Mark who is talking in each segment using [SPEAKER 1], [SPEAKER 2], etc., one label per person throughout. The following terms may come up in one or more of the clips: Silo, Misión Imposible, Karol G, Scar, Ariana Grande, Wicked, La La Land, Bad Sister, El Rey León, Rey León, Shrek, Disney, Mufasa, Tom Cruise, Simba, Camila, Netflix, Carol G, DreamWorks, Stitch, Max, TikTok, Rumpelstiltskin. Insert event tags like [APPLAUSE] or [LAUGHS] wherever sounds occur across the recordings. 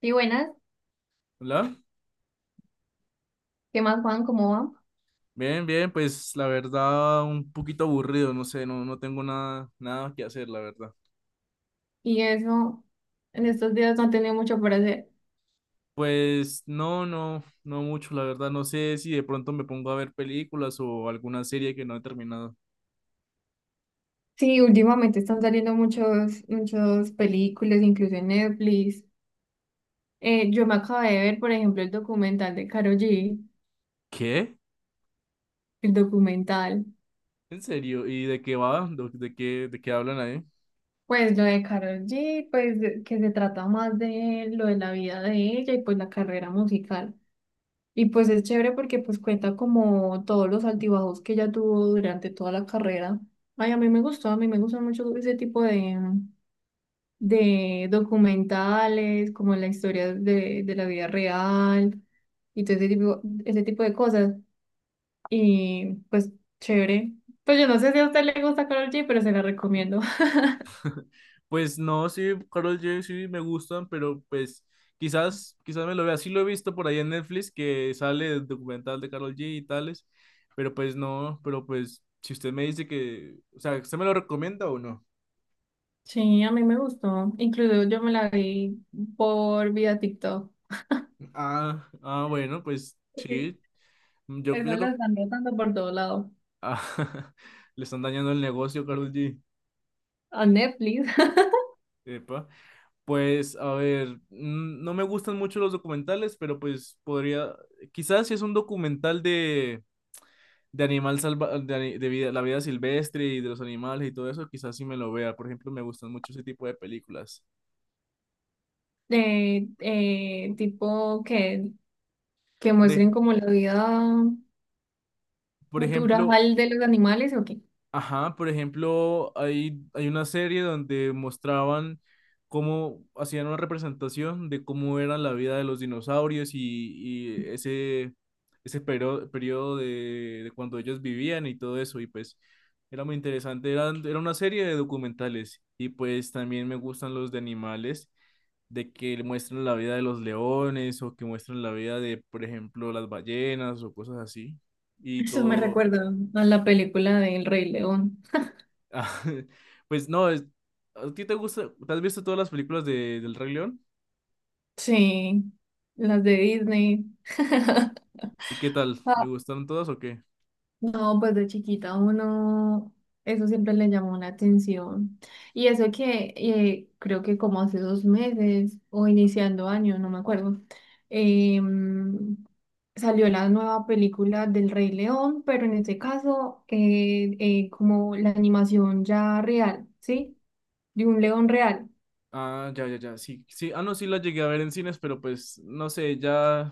[SPEAKER 1] Y buenas,
[SPEAKER 2] Hola,
[SPEAKER 1] ¿qué más, Juan? ¿Cómo va?
[SPEAKER 2] bien, bien, pues la verdad un poquito aburrido, no sé, no, no tengo nada, nada que hacer, la verdad.
[SPEAKER 1] Y eso, en estos días no han tenido mucho por hacer.
[SPEAKER 2] Pues no, no, no mucho, la verdad, no sé si de pronto me pongo a ver películas o alguna serie que no he terminado.
[SPEAKER 1] Sí, últimamente están saliendo muchas películas, incluso en Netflix. Yo me acabé de ver, por ejemplo, el documental de Karol G,
[SPEAKER 2] ¿Qué?
[SPEAKER 1] el documental.
[SPEAKER 2] ¿En serio? ¿Y de qué va? ¿De qué hablan ahí?
[SPEAKER 1] Pues lo de Karol G, pues que se trata más de lo de la vida de ella y pues la carrera musical. Y pues es chévere porque pues cuenta como todos los altibajos que ella tuvo durante toda la carrera. Ay, a mí me gustó, a mí me gusta mucho ese tipo de documentales, como la historia de la vida real y todo ese ese tipo de cosas. Y pues chévere. Pues yo no sé si a usted le gusta Karol G, pero se la recomiendo. [LAUGHS]
[SPEAKER 2] Pues no, sí, Carol G sí me gustan, pero pues quizás, quizás me lo vea. Sí lo he visto por ahí en Netflix que sale el documental de Carol G y tales, pero pues no, pero pues si usted me dice que, o sea, ¿usted me lo recomienda o no?
[SPEAKER 1] Sí, a mí me gustó. Incluso yo me la vi por vía TikTok.
[SPEAKER 2] Ah, ah, bueno, pues
[SPEAKER 1] Porque
[SPEAKER 2] sí, yo,
[SPEAKER 1] Eso
[SPEAKER 2] yo creo
[SPEAKER 1] la
[SPEAKER 2] que
[SPEAKER 1] están rotando por todo lado.
[SPEAKER 2] [LAUGHS] le están dañando el negocio, Carol G.
[SPEAKER 1] A Netflix. [LAUGHS]
[SPEAKER 2] Epa. Pues a ver, no me gustan mucho los documentales, pero pues podría, quizás si es un documental de animal salva, de, ani- de vida- la vida silvestre y de los animales y todo eso, quizás sí me lo vea. Por ejemplo, me gustan mucho ese tipo de películas.
[SPEAKER 1] Tipo que
[SPEAKER 2] Por,
[SPEAKER 1] muestren
[SPEAKER 2] ej-
[SPEAKER 1] como la vida
[SPEAKER 2] por ejemplo,
[SPEAKER 1] natural de los animales, ¿o qué?
[SPEAKER 2] ajá, por ejemplo, hay una serie donde mostraban cómo hacían una representación de cómo era la vida de los dinosaurios y ese periodo, periodo de cuando ellos vivían y todo eso. Y pues era muy interesante. Era una serie de documentales. Y pues también me gustan los de animales. De que le muestran la vida de los leones o que muestran la vida de, por ejemplo, las ballenas o cosas así. Y
[SPEAKER 1] Eso me
[SPEAKER 2] todo. [LAUGHS]
[SPEAKER 1] recuerda a la película de El Rey León.
[SPEAKER 2] Ah, pues no, ¿a ti te gusta? ¿Te has visto todas las películas del Rey León?
[SPEAKER 1] Sí, las de Disney. [LAUGHS]
[SPEAKER 2] ¿Y qué tal? ¿Le
[SPEAKER 1] Ah,
[SPEAKER 2] gustaron todas o qué?
[SPEAKER 1] no, pues de chiquita uno, eso siempre le llamó la atención. Y eso que creo que como hace 2 meses o iniciando año, no me acuerdo, em, salió la nueva película del Rey León, pero en este caso como la animación ya real, ¿sí? De un león real.
[SPEAKER 2] Ah, ya, ya, ya, sí, sí, ah, no, sí la llegué a ver en cines, pero pues, no sé, ya,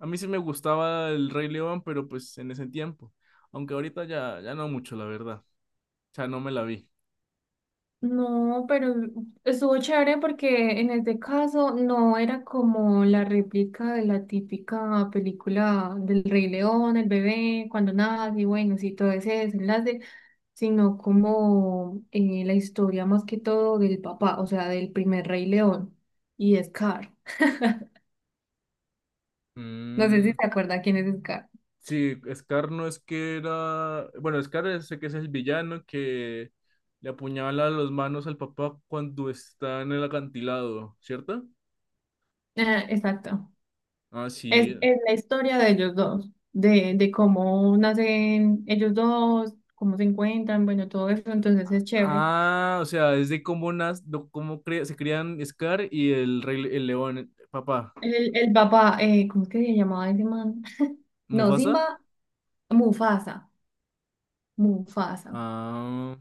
[SPEAKER 2] a mí sí me gustaba el Rey León, pero pues en ese tiempo, aunque ahorita ya, ya no mucho, la verdad, o sea, no me la vi.
[SPEAKER 1] No, pero estuvo chévere porque en este caso no era como la réplica de la típica película del Rey León, el bebé, cuando nace, y bueno, sí, todo ese desenlace, sino como la historia más que todo del papá, o sea, del primer Rey León y Scar. No sé si
[SPEAKER 2] Mm.
[SPEAKER 1] se acuerda quién es Scar.
[SPEAKER 2] Sí, Scar no es que era. Bueno, Scar sé que es el villano que le apuñala las manos al papá cuando está en el acantilado, ¿cierto?
[SPEAKER 1] Ah, exacto.
[SPEAKER 2] Ah,
[SPEAKER 1] Es,
[SPEAKER 2] sí.
[SPEAKER 1] es la historia de ellos dos, de cómo nacen ellos dos, cómo se encuentran, bueno, todo eso, entonces es chévere.
[SPEAKER 2] Ah, o sea, es de cómo se crían Scar y el rey el león. Papá.
[SPEAKER 1] El papá, ¿cómo es que se llamaba ese man? No,
[SPEAKER 2] ¿Mufasa?
[SPEAKER 1] Simba, Mufasa, Mufasa,
[SPEAKER 2] Ah,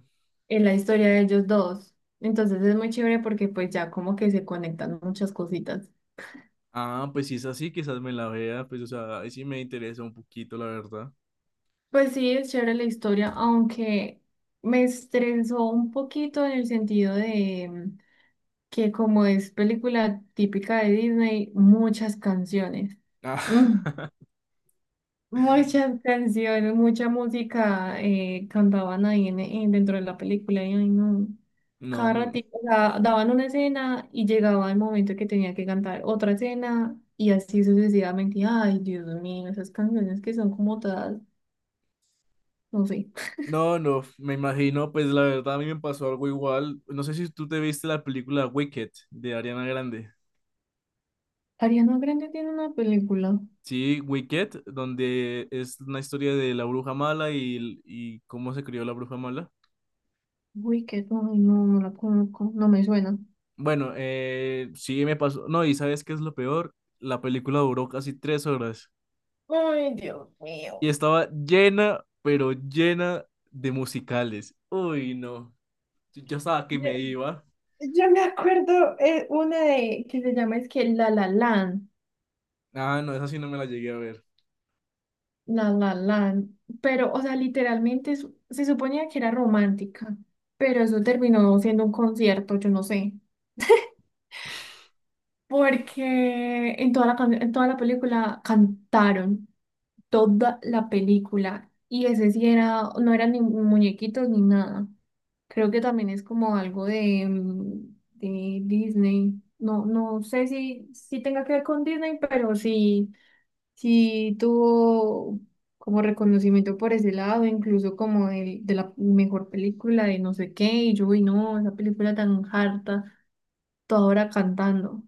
[SPEAKER 1] en la historia de ellos dos. Entonces es muy chévere porque pues ya como que se conectan muchas cositas.
[SPEAKER 2] ah, pues si es así, quizás me la vea. Pues, o sea, ahí sí me interesa un poquito, la verdad.
[SPEAKER 1] Pues sí, es chévere la historia, aunque me estresó un poquito en el sentido de mm, que como es película típica de Disney, muchas canciones.
[SPEAKER 2] Ah, [LAUGHS]
[SPEAKER 1] Muchas canciones, mucha música cantaban ahí dentro de la película y ay, no. Cada
[SPEAKER 2] no.
[SPEAKER 1] ratito, o sea, daban una escena y llegaba el momento que tenía que cantar otra escena y así sucesivamente. Ay, Dios mío, esas canciones que son como todas, no sé.
[SPEAKER 2] No, no, me imagino, pues la verdad a mí me pasó algo igual. No sé si tú te viste la película Wicked de Ariana Grande.
[SPEAKER 1] Ariana Grande tiene una película.
[SPEAKER 2] Sí, Wicked, donde es una historia de la bruja mala y cómo se crió la bruja mala.
[SPEAKER 1] Uy, qué ay, no, no la conozco, no me suena.
[SPEAKER 2] Bueno, sí me pasó. No, y ¿sabes qué es lo peor? La película duró casi 3 horas
[SPEAKER 1] Ay, Dios
[SPEAKER 2] y
[SPEAKER 1] mío.
[SPEAKER 2] estaba llena, pero llena de musicales. Uy, no, yo estaba que
[SPEAKER 1] Yo,
[SPEAKER 2] me iba.
[SPEAKER 1] yo me acuerdo una de que se llama es que La La Land.
[SPEAKER 2] Ah, no, esa sí no me la llegué a ver.
[SPEAKER 1] La La Land, pero, o sea, literalmente se suponía que era romántica, pero eso terminó siendo un concierto, yo no sé, porque en toda en toda la película cantaron, toda la película, y ese sí era, no eran ni muñequitos ni nada, creo que también es como algo de, de Disney, no, no sé si tenga que ver con Disney, pero sí. Sí tuvo como reconocimiento por ese lado, incluso como el, de la mejor película de no sé qué, y yo, uy, no, esa película tan harta, toda hora cantando,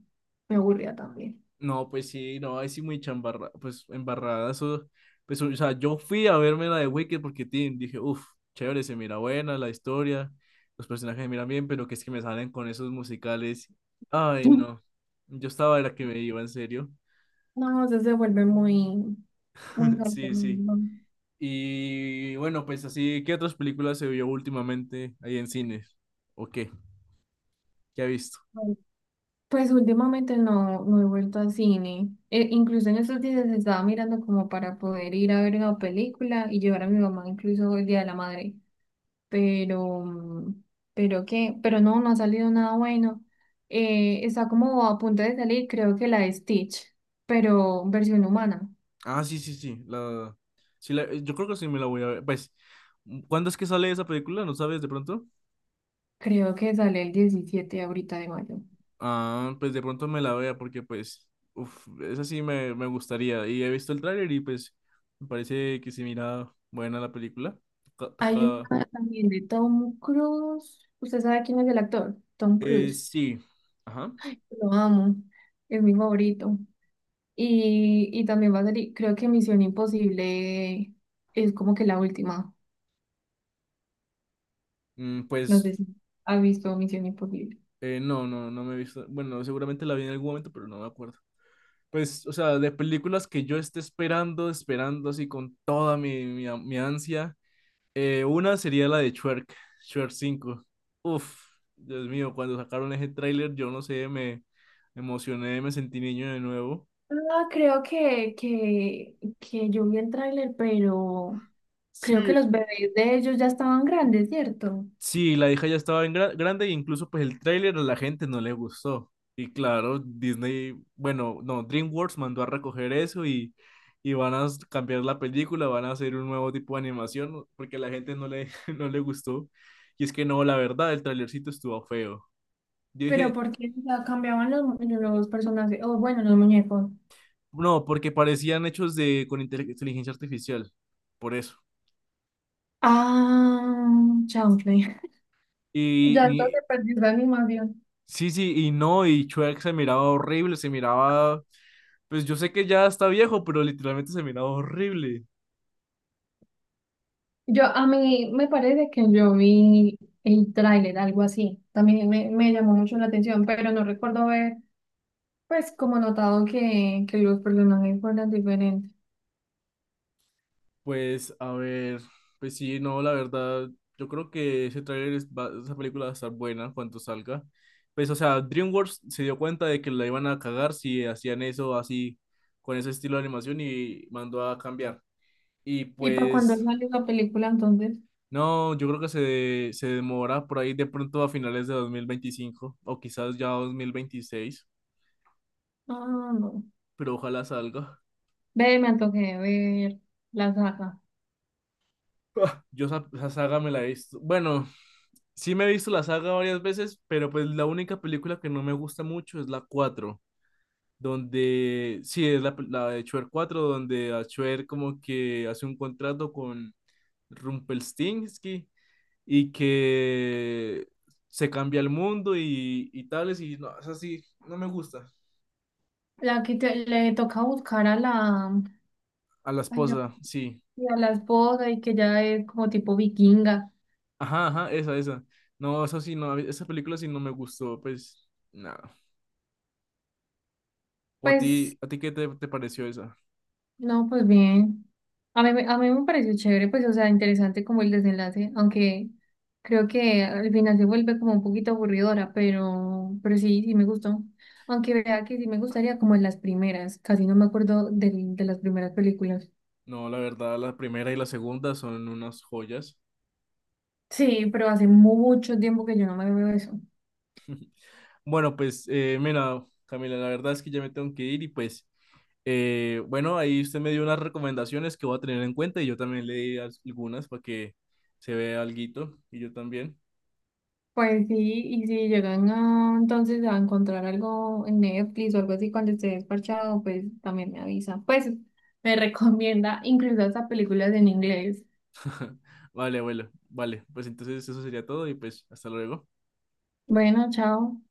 [SPEAKER 1] me aburría también.
[SPEAKER 2] No, pues sí, no, ahí sí muy chambarra, pues embarrada, eso, pues, o sea, yo fui a verme la de Wicked porque tin, dije, uff, chévere, se mira buena la historia, los personajes se miran bien, pero que es que me salen con esos musicales, ay, no,
[SPEAKER 1] [LAUGHS]
[SPEAKER 2] yo estaba era que me iba, en serio,
[SPEAKER 1] No, eso se vuelve muy
[SPEAKER 2] [LAUGHS]
[SPEAKER 1] harto,
[SPEAKER 2] sí, sí,
[SPEAKER 1] no, no.
[SPEAKER 2] y bueno, pues así, ¿qué otras películas se vio últimamente ahí en cines? ¿O qué? ¿Qué ha visto?
[SPEAKER 1] No. Pues últimamente no he vuelto al cine. E- incluso en estos días estaba mirando como para poder ir a ver una película y llevar a mi mamá incluso el Día de la Madre. Pero, mm, pero pero no, no ha salido nada bueno. Está como a punto de salir, creo que la de Stitch, pero versión humana.
[SPEAKER 2] Ah, sí, sí, sí, sí, yo creo que sí me la voy a ver, pues, ¿cuándo es que sale esa película? ¿No sabes de pronto?
[SPEAKER 1] Creo que sale el 17 ahorita de mayo.
[SPEAKER 2] Ah, pues de pronto me la vea porque pues, uf, esa sí me gustaría. Y he visto el tráiler y pues me parece que se mira buena la película. Toca,
[SPEAKER 1] Hay un ah, también de Tom Cruise. ¿Usted sabe quién es el actor? Tom Cruise.
[SPEAKER 2] sí, ajá.
[SPEAKER 1] Lo amo. Es mi favorito. Y también va a salir, creo que Misión Imposible es como que la última. No
[SPEAKER 2] Pues
[SPEAKER 1] sé si ha visto Misión Imposible.
[SPEAKER 2] no, no, no me he visto. Bueno, seguramente la vi en algún momento, pero no me acuerdo. Pues, o sea, de películas que yo esté esperando, esperando así con toda mi, mi, mi ansia. Una sería la de Shrek, Shrek 5. Uf, Dios mío, cuando sacaron ese tráiler, yo no sé, me emocioné, me sentí niño de nuevo.
[SPEAKER 1] Ah, creo que yo vi el tráiler, pero creo que
[SPEAKER 2] Sí.
[SPEAKER 1] los bebés de ellos ya estaban grandes, ¿cierto?
[SPEAKER 2] Sí, la hija ya estaba en grande e incluso pues el tráiler a la gente no le gustó. Y claro, Disney, bueno, no, DreamWorks mandó a recoger eso y van a cambiar la película, van a hacer un nuevo tipo de animación, ¿no?, porque a la gente no le, [LAUGHS] no le gustó. Y es que no, la verdad, el trailercito estuvo feo. Yo
[SPEAKER 1] Pero
[SPEAKER 2] dije,
[SPEAKER 1] porque cambiaban los personajes, o bueno, los muñecos.
[SPEAKER 2] no, porque parecían hechos de con inteligencia artificial, por eso.
[SPEAKER 1] Ah, chanfle.
[SPEAKER 2] Y,
[SPEAKER 1] Ya
[SPEAKER 2] y-
[SPEAKER 1] entonces perdí la animación.
[SPEAKER 2] sí, sí, y no, y Shrek se miraba horrible, se miraba, pues yo sé que ya está viejo, pero literalmente se miraba horrible.
[SPEAKER 1] Yo, a mí me parece que yo vi el tráiler, algo así. También me llamó mucho la atención, pero no recuerdo haber, pues, como notado que los personajes fueran diferentes.
[SPEAKER 2] Pues a ver, pues sí, no, la verdad, yo creo que ese tráiler, esa película va a estar buena cuando salga. Pues o sea, DreamWorks se dio cuenta de que la iban a cagar si hacían eso así, con ese estilo de animación y mandó a cambiar. Y
[SPEAKER 1] Y para cuando
[SPEAKER 2] pues
[SPEAKER 1] salió la película, entonces,
[SPEAKER 2] no, yo creo que se demora por ahí de pronto a finales de 2025 o quizás ya 2026,
[SPEAKER 1] ah, no.
[SPEAKER 2] pero ojalá salga.
[SPEAKER 1] Ve, me antojé de ver la saga.
[SPEAKER 2] [LAUGHS] Ah, yo esa, saga me la he visto. Bueno, sí me he visto la saga varias veces, pero pues la única película que no me gusta mucho es la cuatro, donde sí es la de Shrek 4 donde a Shrek como que hace un contrato con Rumpelstiltskin y que se cambia el mundo y tales, y no, es así, no me gusta.
[SPEAKER 1] La que le toca buscar a la,
[SPEAKER 2] A la
[SPEAKER 1] ay, yo-
[SPEAKER 2] esposa, sí.
[SPEAKER 1] a la esposa y que ya es como tipo vikinga.
[SPEAKER 2] Ajá, ajá, esa, esa. No, eso sí, no, esa película sí no me gustó, pues, nada. ¿O
[SPEAKER 1] Pues
[SPEAKER 2] a ti qué te pareció esa?
[SPEAKER 1] no, pues bien. A mí me pareció chévere, pues, o sea, interesante como el desenlace, aunque creo que al final se vuelve como un poquito aburridora, pero sí, sí me gustó. Aunque vea que sí me gustaría como en las primeras, casi no me acuerdo de las primeras películas.
[SPEAKER 2] No, la verdad, la primera y la segunda son unas joyas.
[SPEAKER 1] Sí, pero hace mucho tiempo que yo no me veo eso.
[SPEAKER 2] Bueno, pues, mira, Camila, la verdad es que ya me tengo que ir y pues, bueno, ahí usted me dio unas recomendaciones que voy a tener en cuenta y yo también le di algunas para que se vea alguito y yo también.
[SPEAKER 1] Pues sí, y si llegan a, entonces a encontrar algo en Netflix o algo así cuando esté desparchado, pues también me avisa. Pues me [LAUGHS] recomienda incluso hasta películas en inglés.
[SPEAKER 2] Vale, bueno, vale, pues entonces eso sería todo y pues, hasta luego.
[SPEAKER 1] Bueno, chao.